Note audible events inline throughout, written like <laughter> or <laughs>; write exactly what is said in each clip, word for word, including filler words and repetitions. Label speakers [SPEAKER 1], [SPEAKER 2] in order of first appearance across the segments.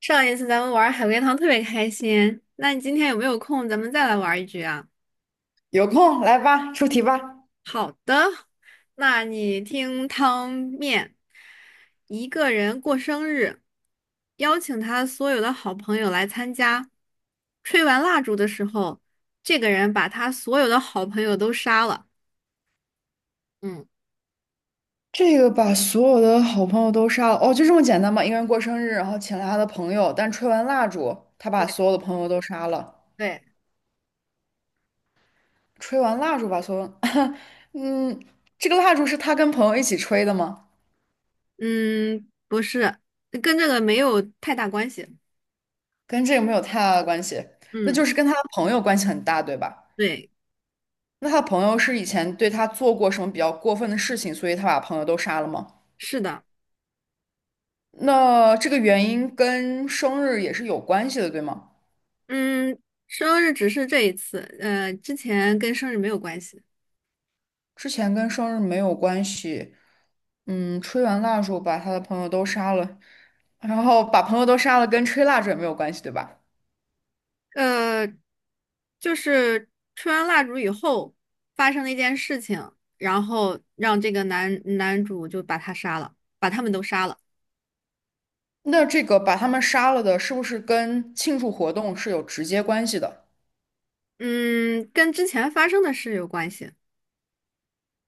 [SPEAKER 1] 上一次咱们玩海龟汤特别开心，那你今天有没有空？咱们再来玩一局啊？
[SPEAKER 2] 有空来吧，出题吧。
[SPEAKER 1] 好的，那你听汤面，一个人过生日，邀请他所有的好朋友来参加。吹完蜡烛的时候，这个人把他所有的好朋友都杀了。嗯，
[SPEAKER 2] 这个把所有的好朋友都杀了，哦，就这么简单吗？一个人过生日，然后请了他的朋友，但吹完蜡烛，他把
[SPEAKER 1] 对
[SPEAKER 2] 所有的朋友都杀了。
[SPEAKER 1] 对，
[SPEAKER 2] 吹完蜡烛把所有，<laughs> 嗯，这个蜡烛是他跟朋友一起吹的吗？
[SPEAKER 1] 嗯，不是，跟这个没有太大关系。
[SPEAKER 2] 跟这个没有太大的关系，那就
[SPEAKER 1] 嗯，
[SPEAKER 2] 是跟他的朋友关系很大，对吧？
[SPEAKER 1] 对，
[SPEAKER 2] 那他的朋友是以前对他做过什么比较过分的事情，所以他把朋友都杀了吗？
[SPEAKER 1] 是的。
[SPEAKER 2] 那这个原因跟生日也是有关系的，对吗？
[SPEAKER 1] 嗯，生日只是这一次，呃，之前跟生日没有关系。
[SPEAKER 2] 之前跟生日没有关系，嗯，吹完蜡烛把他的朋友都杀了，然后把朋友都杀了，跟吹蜡烛也没有关系，对吧？
[SPEAKER 1] 呃，就是吹完蜡烛以后发生了一件事情，然后让这个男男主就把他杀了，把他们都杀了。
[SPEAKER 2] 那这个把他们杀了的，是不是跟庆祝活动是有直接关系的？
[SPEAKER 1] 嗯，跟之前发生的事有关系。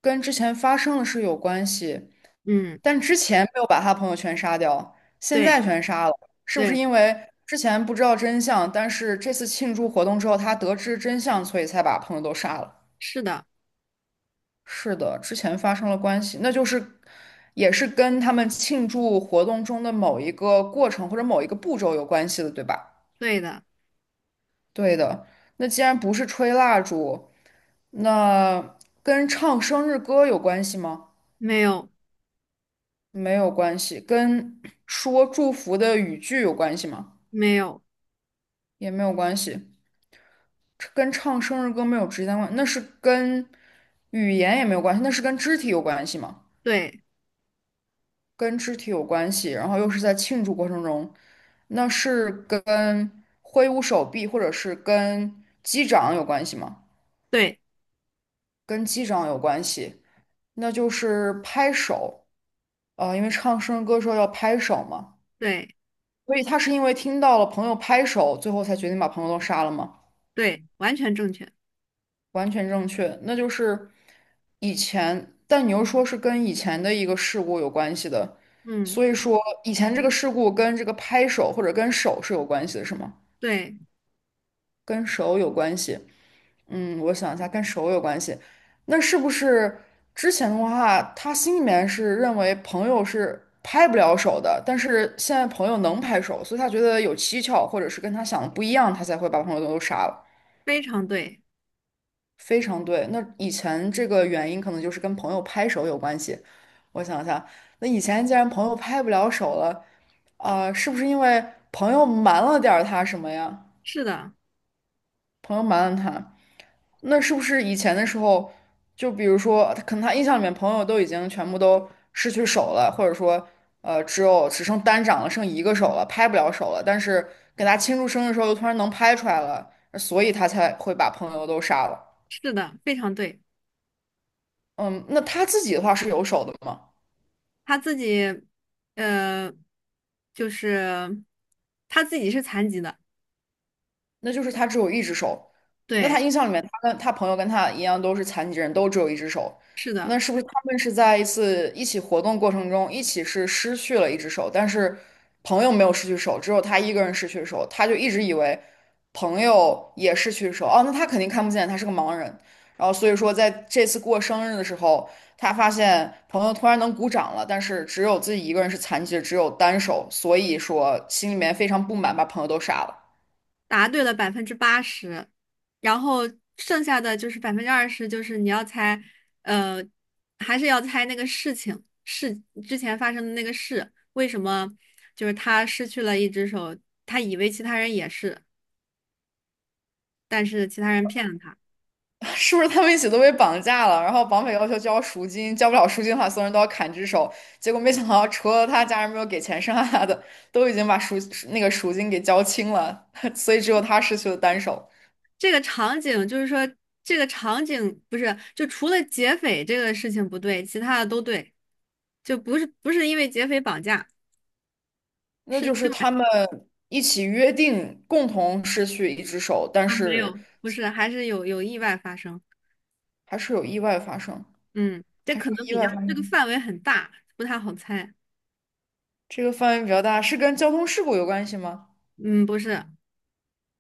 [SPEAKER 2] 跟之前发生的是有关系，
[SPEAKER 1] 嗯，
[SPEAKER 2] 但之前没有把他朋友全杀掉，现
[SPEAKER 1] 对
[SPEAKER 2] 在全杀了，是不是
[SPEAKER 1] 对，
[SPEAKER 2] 因为之前不知道真相，但是这次庆祝活动之后他得知真相，所以才把朋友都杀了？
[SPEAKER 1] 是的，
[SPEAKER 2] 是的，之前发生了关系，那就是也是跟他们庆祝活动中的某一个过程或者某一个步骤有关系的，对吧？
[SPEAKER 1] 对的，
[SPEAKER 2] 对的。那既然不是吹蜡烛，那跟唱生日歌有关系吗？
[SPEAKER 1] 没有
[SPEAKER 2] 没有关系。跟说祝福的语句有关系吗？
[SPEAKER 1] 没有，
[SPEAKER 2] 也没有关系。这跟唱生日歌没有直接关，那是跟语言也没有关系，那是跟肢体有关系吗？
[SPEAKER 1] 对
[SPEAKER 2] 跟肢体有关系，然后又是在庆祝过程中，那是跟挥舞手臂或者是跟击掌有关系吗？
[SPEAKER 1] 对
[SPEAKER 2] 跟击掌有关系，那就是拍手，呃，因为唱生日歌时候要拍手嘛，
[SPEAKER 1] 对
[SPEAKER 2] 所以他是因为听到了朋友拍手，最后才决定把朋友都杀了吗？
[SPEAKER 1] 对，完全正确。
[SPEAKER 2] 完全正确，那就是以前，但你又说是跟以前的一个事故有关系的，
[SPEAKER 1] 嗯，
[SPEAKER 2] 所以说以前这个事故跟这个拍手或者跟手是有关系的，是吗？
[SPEAKER 1] 对，
[SPEAKER 2] 跟手有关系。嗯，我想一下，跟手有关系。那是不是之前的话，他心里面是认为朋友是拍不了手的，但是现在朋友能拍手，所以他觉得有蹊跷，或者是跟他想的不一样，他才会把朋友都杀了。
[SPEAKER 1] 非常对，
[SPEAKER 2] 非常对。那以前这个原因可能就是跟朋友拍手有关系。我想一下，那以前既然朋友拍不了手了，啊、是不是因为朋友瞒了点儿他什么呀？
[SPEAKER 1] 是的，
[SPEAKER 2] 朋友瞒了他。那是不是以前的时候，就比如说，他可能他印象里面朋友都已经全部都失去手了，或者说，呃，只有只剩单掌了，剩一个手了，拍不了手了。但是给他庆祝生日的时候，又突然能拍出来了，所以他才会把朋友都杀了。
[SPEAKER 1] 是的，非常对。
[SPEAKER 2] 嗯，那他自己的话是有手的吗？
[SPEAKER 1] 他自己，呃，就是他自己是残疾的，
[SPEAKER 2] 那就是他只有一只手。那他
[SPEAKER 1] 对，
[SPEAKER 2] 印象里面，他跟他朋友跟他一样都是残疾人，都只有一只手。
[SPEAKER 1] 是
[SPEAKER 2] 那
[SPEAKER 1] 的，
[SPEAKER 2] 是不是他们是在一次一起活动过程中，一起是失去了一只手，但是朋友没有失去手，只有他一个人失去手，他就一直以为朋友也失去手。哦，那他肯定看不见，他是个盲人。然后所以说，在这次过生日的时候，他发现朋友突然能鼓掌了，但是只有自己一个人是残疾的，只有单手，所以说心里面非常不满，把朋友都杀了。
[SPEAKER 1] 答对了百分之八十，然后剩下的就是百分之二十，就是你要猜，呃，还是要猜那个事情，事之前发生的那个事，为什么就是他失去了一只手，他以为其他人也是，但是其他人骗了他。
[SPEAKER 2] 是不是他们一起都被绑架了？然后绑匪要求交赎金，交不了赎金的话，所有人都要砍只手。结果没想到，除了他家人没有给钱，剩下他的都已经把赎那个赎金给交清了，<laughs> 所以只有他失去了单手。
[SPEAKER 1] 这个场景，就是说这个场景不是，就除了劫匪这个事情不对，其他的都对，就不是不是因为劫匪绑架，
[SPEAKER 2] 那
[SPEAKER 1] 是
[SPEAKER 2] 就是
[SPEAKER 1] 另外
[SPEAKER 2] 他们一起约定共同失去一只手，但
[SPEAKER 1] 啊没
[SPEAKER 2] 是
[SPEAKER 1] 有，不是，还是有有意外发生。
[SPEAKER 2] 还是有意外发生，
[SPEAKER 1] 嗯，这
[SPEAKER 2] 还是
[SPEAKER 1] 可能
[SPEAKER 2] 有
[SPEAKER 1] 比
[SPEAKER 2] 意
[SPEAKER 1] 较
[SPEAKER 2] 外发
[SPEAKER 1] 这个
[SPEAKER 2] 生。
[SPEAKER 1] 范围很大，不太好猜。
[SPEAKER 2] 这个范围比较大，是跟交通事故有关系吗？
[SPEAKER 1] 嗯，不是，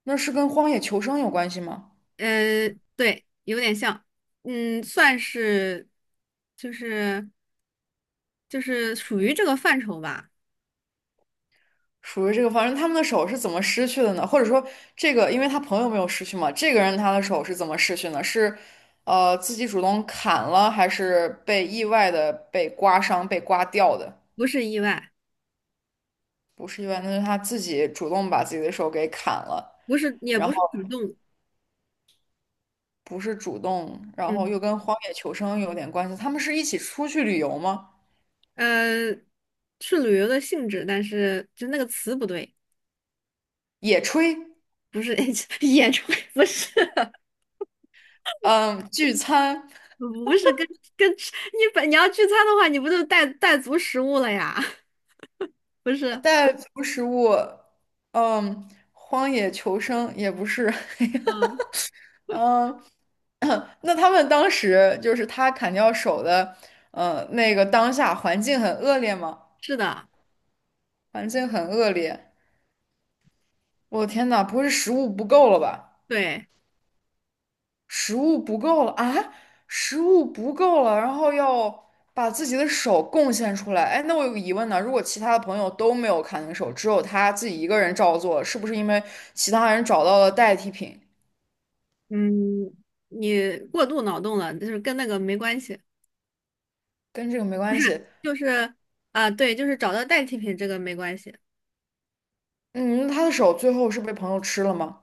[SPEAKER 2] 那是跟荒野求生有关系吗？
[SPEAKER 1] 呃，对，有点像，嗯，算是就是就是属于这个范畴吧，
[SPEAKER 2] 属于这个方式，他们的手是怎么失去的呢？或者说，这个因为他朋友没有失去嘛，这个人他的手是怎么失去呢？是呃自己主动砍了，还是被意外的被刮伤、被刮掉的？
[SPEAKER 1] 不是意外，
[SPEAKER 2] 不是意外，那是他自己主动把自己的手给砍了，
[SPEAKER 1] 不是也
[SPEAKER 2] 然
[SPEAKER 1] 不
[SPEAKER 2] 后
[SPEAKER 1] 是主动，
[SPEAKER 2] 不是主动，然后又
[SPEAKER 1] 嗯。
[SPEAKER 2] 跟荒野求生有点关系。他们是一起出去旅游吗？
[SPEAKER 1] 呃，是旅游的性质，但是就那个词不对，
[SPEAKER 2] 野炊，
[SPEAKER 1] 不是 <laughs> 演出，不是，<laughs>
[SPEAKER 2] 嗯，聚餐，
[SPEAKER 1] 不是跟跟吃你本你要聚餐的话，你不就带带足食物了呀？<laughs> 不是，
[SPEAKER 2] 带足食物，嗯，荒野求生也不是。<laughs>
[SPEAKER 1] 嗯，
[SPEAKER 2] 嗯，<clears throat> 那他们当时就是他砍掉手的，呃，那个当下环境很恶劣吗？
[SPEAKER 1] 是的，
[SPEAKER 2] 环境很恶劣，我的天呐，不会是食物不够了吧？
[SPEAKER 1] 对，
[SPEAKER 2] 食物不够了啊！食物不够了，然后要把自己的手贡献出来。哎，那我有个疑问呢，如果其他的朋友都没有砍那手，只有他自己一个人照做了是不是因为其他人找到了代替品，
[SPEAKER 1] 嗯，你过度脑洞了，就是跟那个没关系，
[SPEAKER 2] 跟这个没关系？
[SPEAKER 1] 就是啊，对，就是找到代替品这个没关系，
[SPEAKER 2] 嗯，那他的手最后是被朋友吃了吗？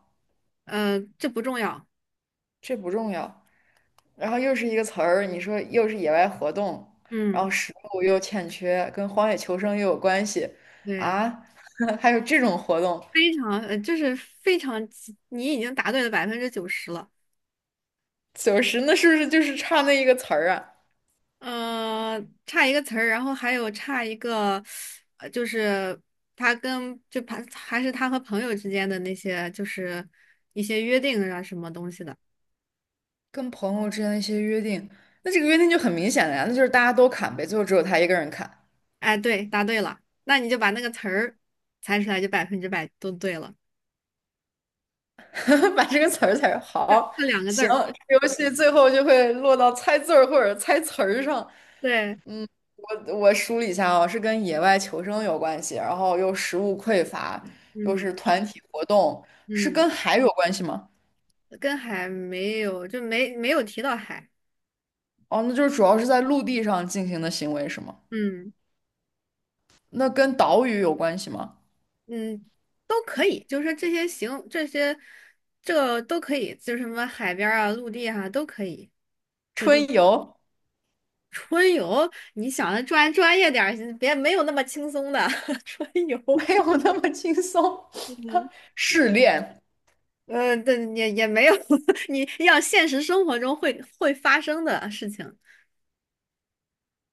[SPEAKER 1] 呃，这不重要，
[SPEAKER 2] 这不重要。然后又是一个词儿，你说又是野外活动，然后
[SPEAKER 1] 嗯，
[SPEAKER 2] 食物又欠缺，跟荒野求生又有关系
[SPEAKER 1] 对，
[SPEAKER 2] 啊，<laughs> 还有这种活动，
[SPEAKER 1] 非常，呃，就是非常，你已经答对了百分之九十了。
[SPEAKER 2] 九十那是不是就是差那一个词儿啊？
[SPEAKER 1] 嗯，差一个词儿，然后还有差一个，呃，就是他跟就还还是他和朋友之间的那些，就是一些约定啊什么东西的。
[SPEAKER 2] 跟朋友之间的一些约定，那这个约定就很明显了呀，那就是大家都砍呗，最后只有他一个人砍，
[SPEAKER 1] 哎，对，答对了，那你就把那个词儿猜出来，就百分之百都对了，
[SPEAKER 2] <laughs> 把这个词儿才好。
[SPEAKER 1] 就两个字
[SPEAKER 2] 行，
[SPEAKER 1] 儿。
[SPEAKER 2] 这个游戏最后就会落到猜字儿或者猜词儿上，
[SPEAKER 1] 对，
[SPEAKER 2] 我我梳理一下哦，是跟野外求生有关系，然后又食物匮乏，又
[SPEAKER 1] 嗯
[SPEAKER 2] 是团体活动，是
[SPEAKER 1] 嗯，
[SPEAKER 2] 跟海有关系吗？
[SPEAKER 1] 跟海没有，就没没有提到海。
[SPEAKER 2] 哦，那就是主要是在陆地上进行的行为是吗？
[SPEAKER 1] 嗯
[SPEAKER 2] 那跟岛屿有关系吗？
[SPEAKER 1] 嗯，都可以，就是说这些行，这些这都可以，就是什么海边儿啊、陆地啊都可以。
[SPEAKER 2] 春游
[SPEAKER 1] 春游，你想的专专业点儿，别没有那么轻松的 <laughs> 春游。
[SPEAKER 2] <laughs> 没有那么轻松，
[SPEAKER 1] 嗯，
[SPEAKER 2] <laughs> 试炼
[SPEAKER 1] 呃，但也也没有，<laughs> 你要现实生活中会会发生的事情，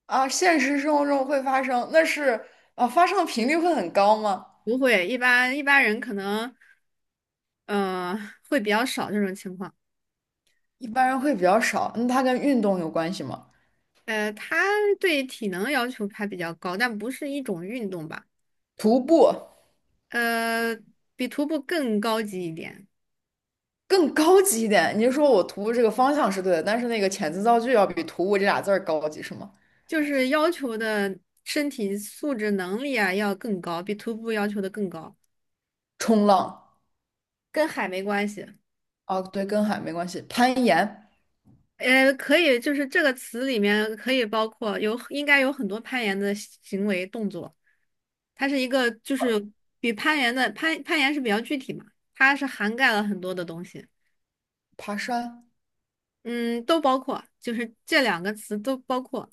[SPEAKER 2] 啊，现实生活中会发生，那是啊，发生的频率会很高吗？
[SPEAKER 1] 不会，一般一般人可能，呃，会比较少这种情况。
[SPEAKER 2] 一般人会比较少，那它跟运动有关系吗？
[SPEAKER 1] 呃，他对体能要求还比较高，但不是一种运动吧？
[SPEAKER 2] 徒步。
[SPEAKER 1] 呃，比徒步更高级一点，
[SPEAKER 2] 更高级一点。你就说我徒步这个方向是对的，但是那个遣词造句要比徒步这俩字儿高级是吗？
[SPEAKER 1] 就是要求的身体素质能力啊要更高，比徒步要求的更高。
[SPEAKER 2] 冲浪
[SPEAKER 1] 跟海没关系。
[SPEAKER 2] 啊，对，跟海没关系。攀岩、
[SPEAKER 1] 呃，可以，就是这个词里面可以包括有，应该有很多攀岩的行为动作。它是一个，就是比攀岩的攀攀岩是比较具体嘛，它是涵盖了很多的东西，
[SPEAKER 2] 爬山
[SPEAKER 1] 嗯，都包括，就是这两个词都包括，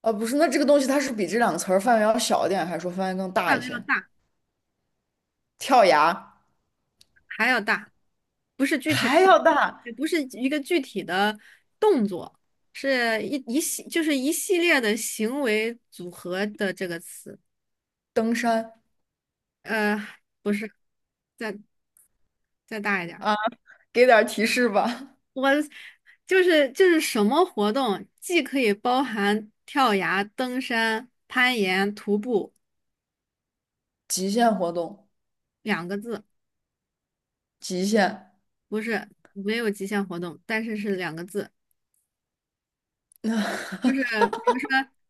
[SPEAKER 2] 啊，不是，那这个东西它是比这两个词儿范围要小一点，还是说范围更大
[SPEAKER 1] 范
[SPEAKER 2] 一
[SPEAKER 1] 围要
[SPEAKER 2] 些？
[SPEAKER 1] 大，
[SPEAKER 2] 跳崖
[SPEAKER 1] 还要大，不是具体的，
[SPEAKER 2] 还要大，
[SPEAKER 1] 也不是一个具体的动作，是一一系，就是一系列的行为组合的这个词，
[SPEAKER 2] 登山
[SPEAKER 1] 呃，不是。在。再大一点儿。
[SPEAKER 2] 啊，给点儿提示吧。
[SPEAKER 1] 我就是就是什么活动，既可以包含跳崖、登山、攀岩、徒步
[SPEAKER 2] 极限活动，
[SPEAKER 1] 两个字，
[SPEAKER 2] 极限，
[SPEAKER 1] 不是没有极限活动，但是是两个字，
[SPEAKER 2] <laughs>
[SPEAKER 1] 就是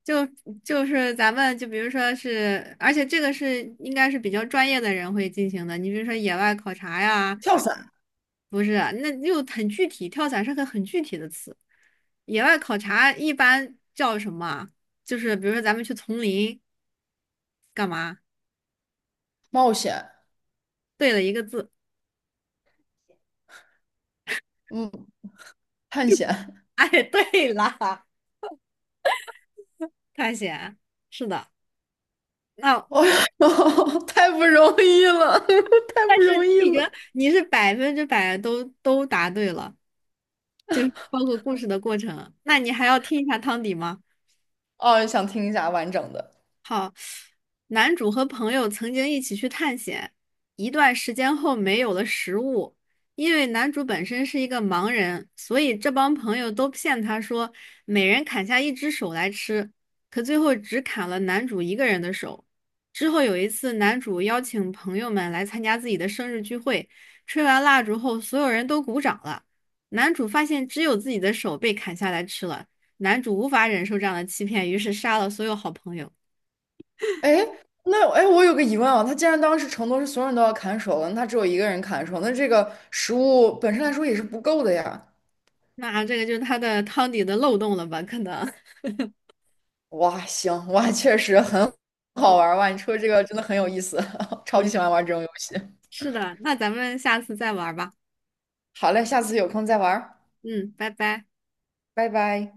[SPEAKER 1] 就就是咱们就比如说是，而且这个是应该是比较专业的人会进行的，你比如说野外考察呀，
[SPEAKER 2] 跳伞，
[SPEAKER 1] 不是，那又很具体，跳伞是个很具体的词。野外考察一般叫什么啊就是比如说咱们去丛林。干嘛？
[SPEAKER 2] 冒险，
[SPEAKER 1] 对了一个字。
[SPEAKER 2] 嗯，探险。<laughs>
[SPEAKER 1] 哎，对了，探险。是的，那、
[SPEAKER 2] 哦，呦，<laughs> 太不容易了，<laughs> 太不容易
[SPEAKER 1] 已经
[SPEAKER 2] 了。
[SPEAKER 1] 你是百分之百都都答对了，就是包括故事的过程。那你还要听一下汤底吗？
[SPEAKER 2] 哦，想听一下完整的。
[SPEAKER 1] 好。男主和朋友曾经一起去探险，一段时间后没有了食物，因为男主本身是一个盲人，所以这帮朋友都骗他说每人砍下一只手来吃，可最后只砍了男主一个人的手。之后有一次，男主邀请朋友们来参加自己的生日聚会，吹完蜡烛后，所有人都鼓掌了。男主发现只有自己的手被砍下来吃了，男主无法忍受这样的欺骗，于是杀了所有好朋友。
[SPEAKER 2] 哎，那哎，诶我有个疑问啊，他既然当时承诺是所有人都要砍手了，那他只有一个人砍手，那这个食物本身来说也是不够的呀。
[SPEAKER 1] 那这个就是它的汤底的漏洞了吧？可能，<laughs>
[SPEAKER 2] 哇，行，哇，确实很
[SPEAKER 1] 嗯
[SPEAKER 2] 好玩儿哇，你说这个真的很有意思，<laughs> 超级
[SPEAKER 1] 嗯，
[SPEAKER 2] 喜欢玩这种游戏。
[SPEAKER 1] 是的。那咱们下次再玩儿吧。
[SPEAKER 2] 好嘞，下次有空再玩儿，
[SPEAKER 1] 嗯，拜拜。
[SPEAKER 2] 拜拜。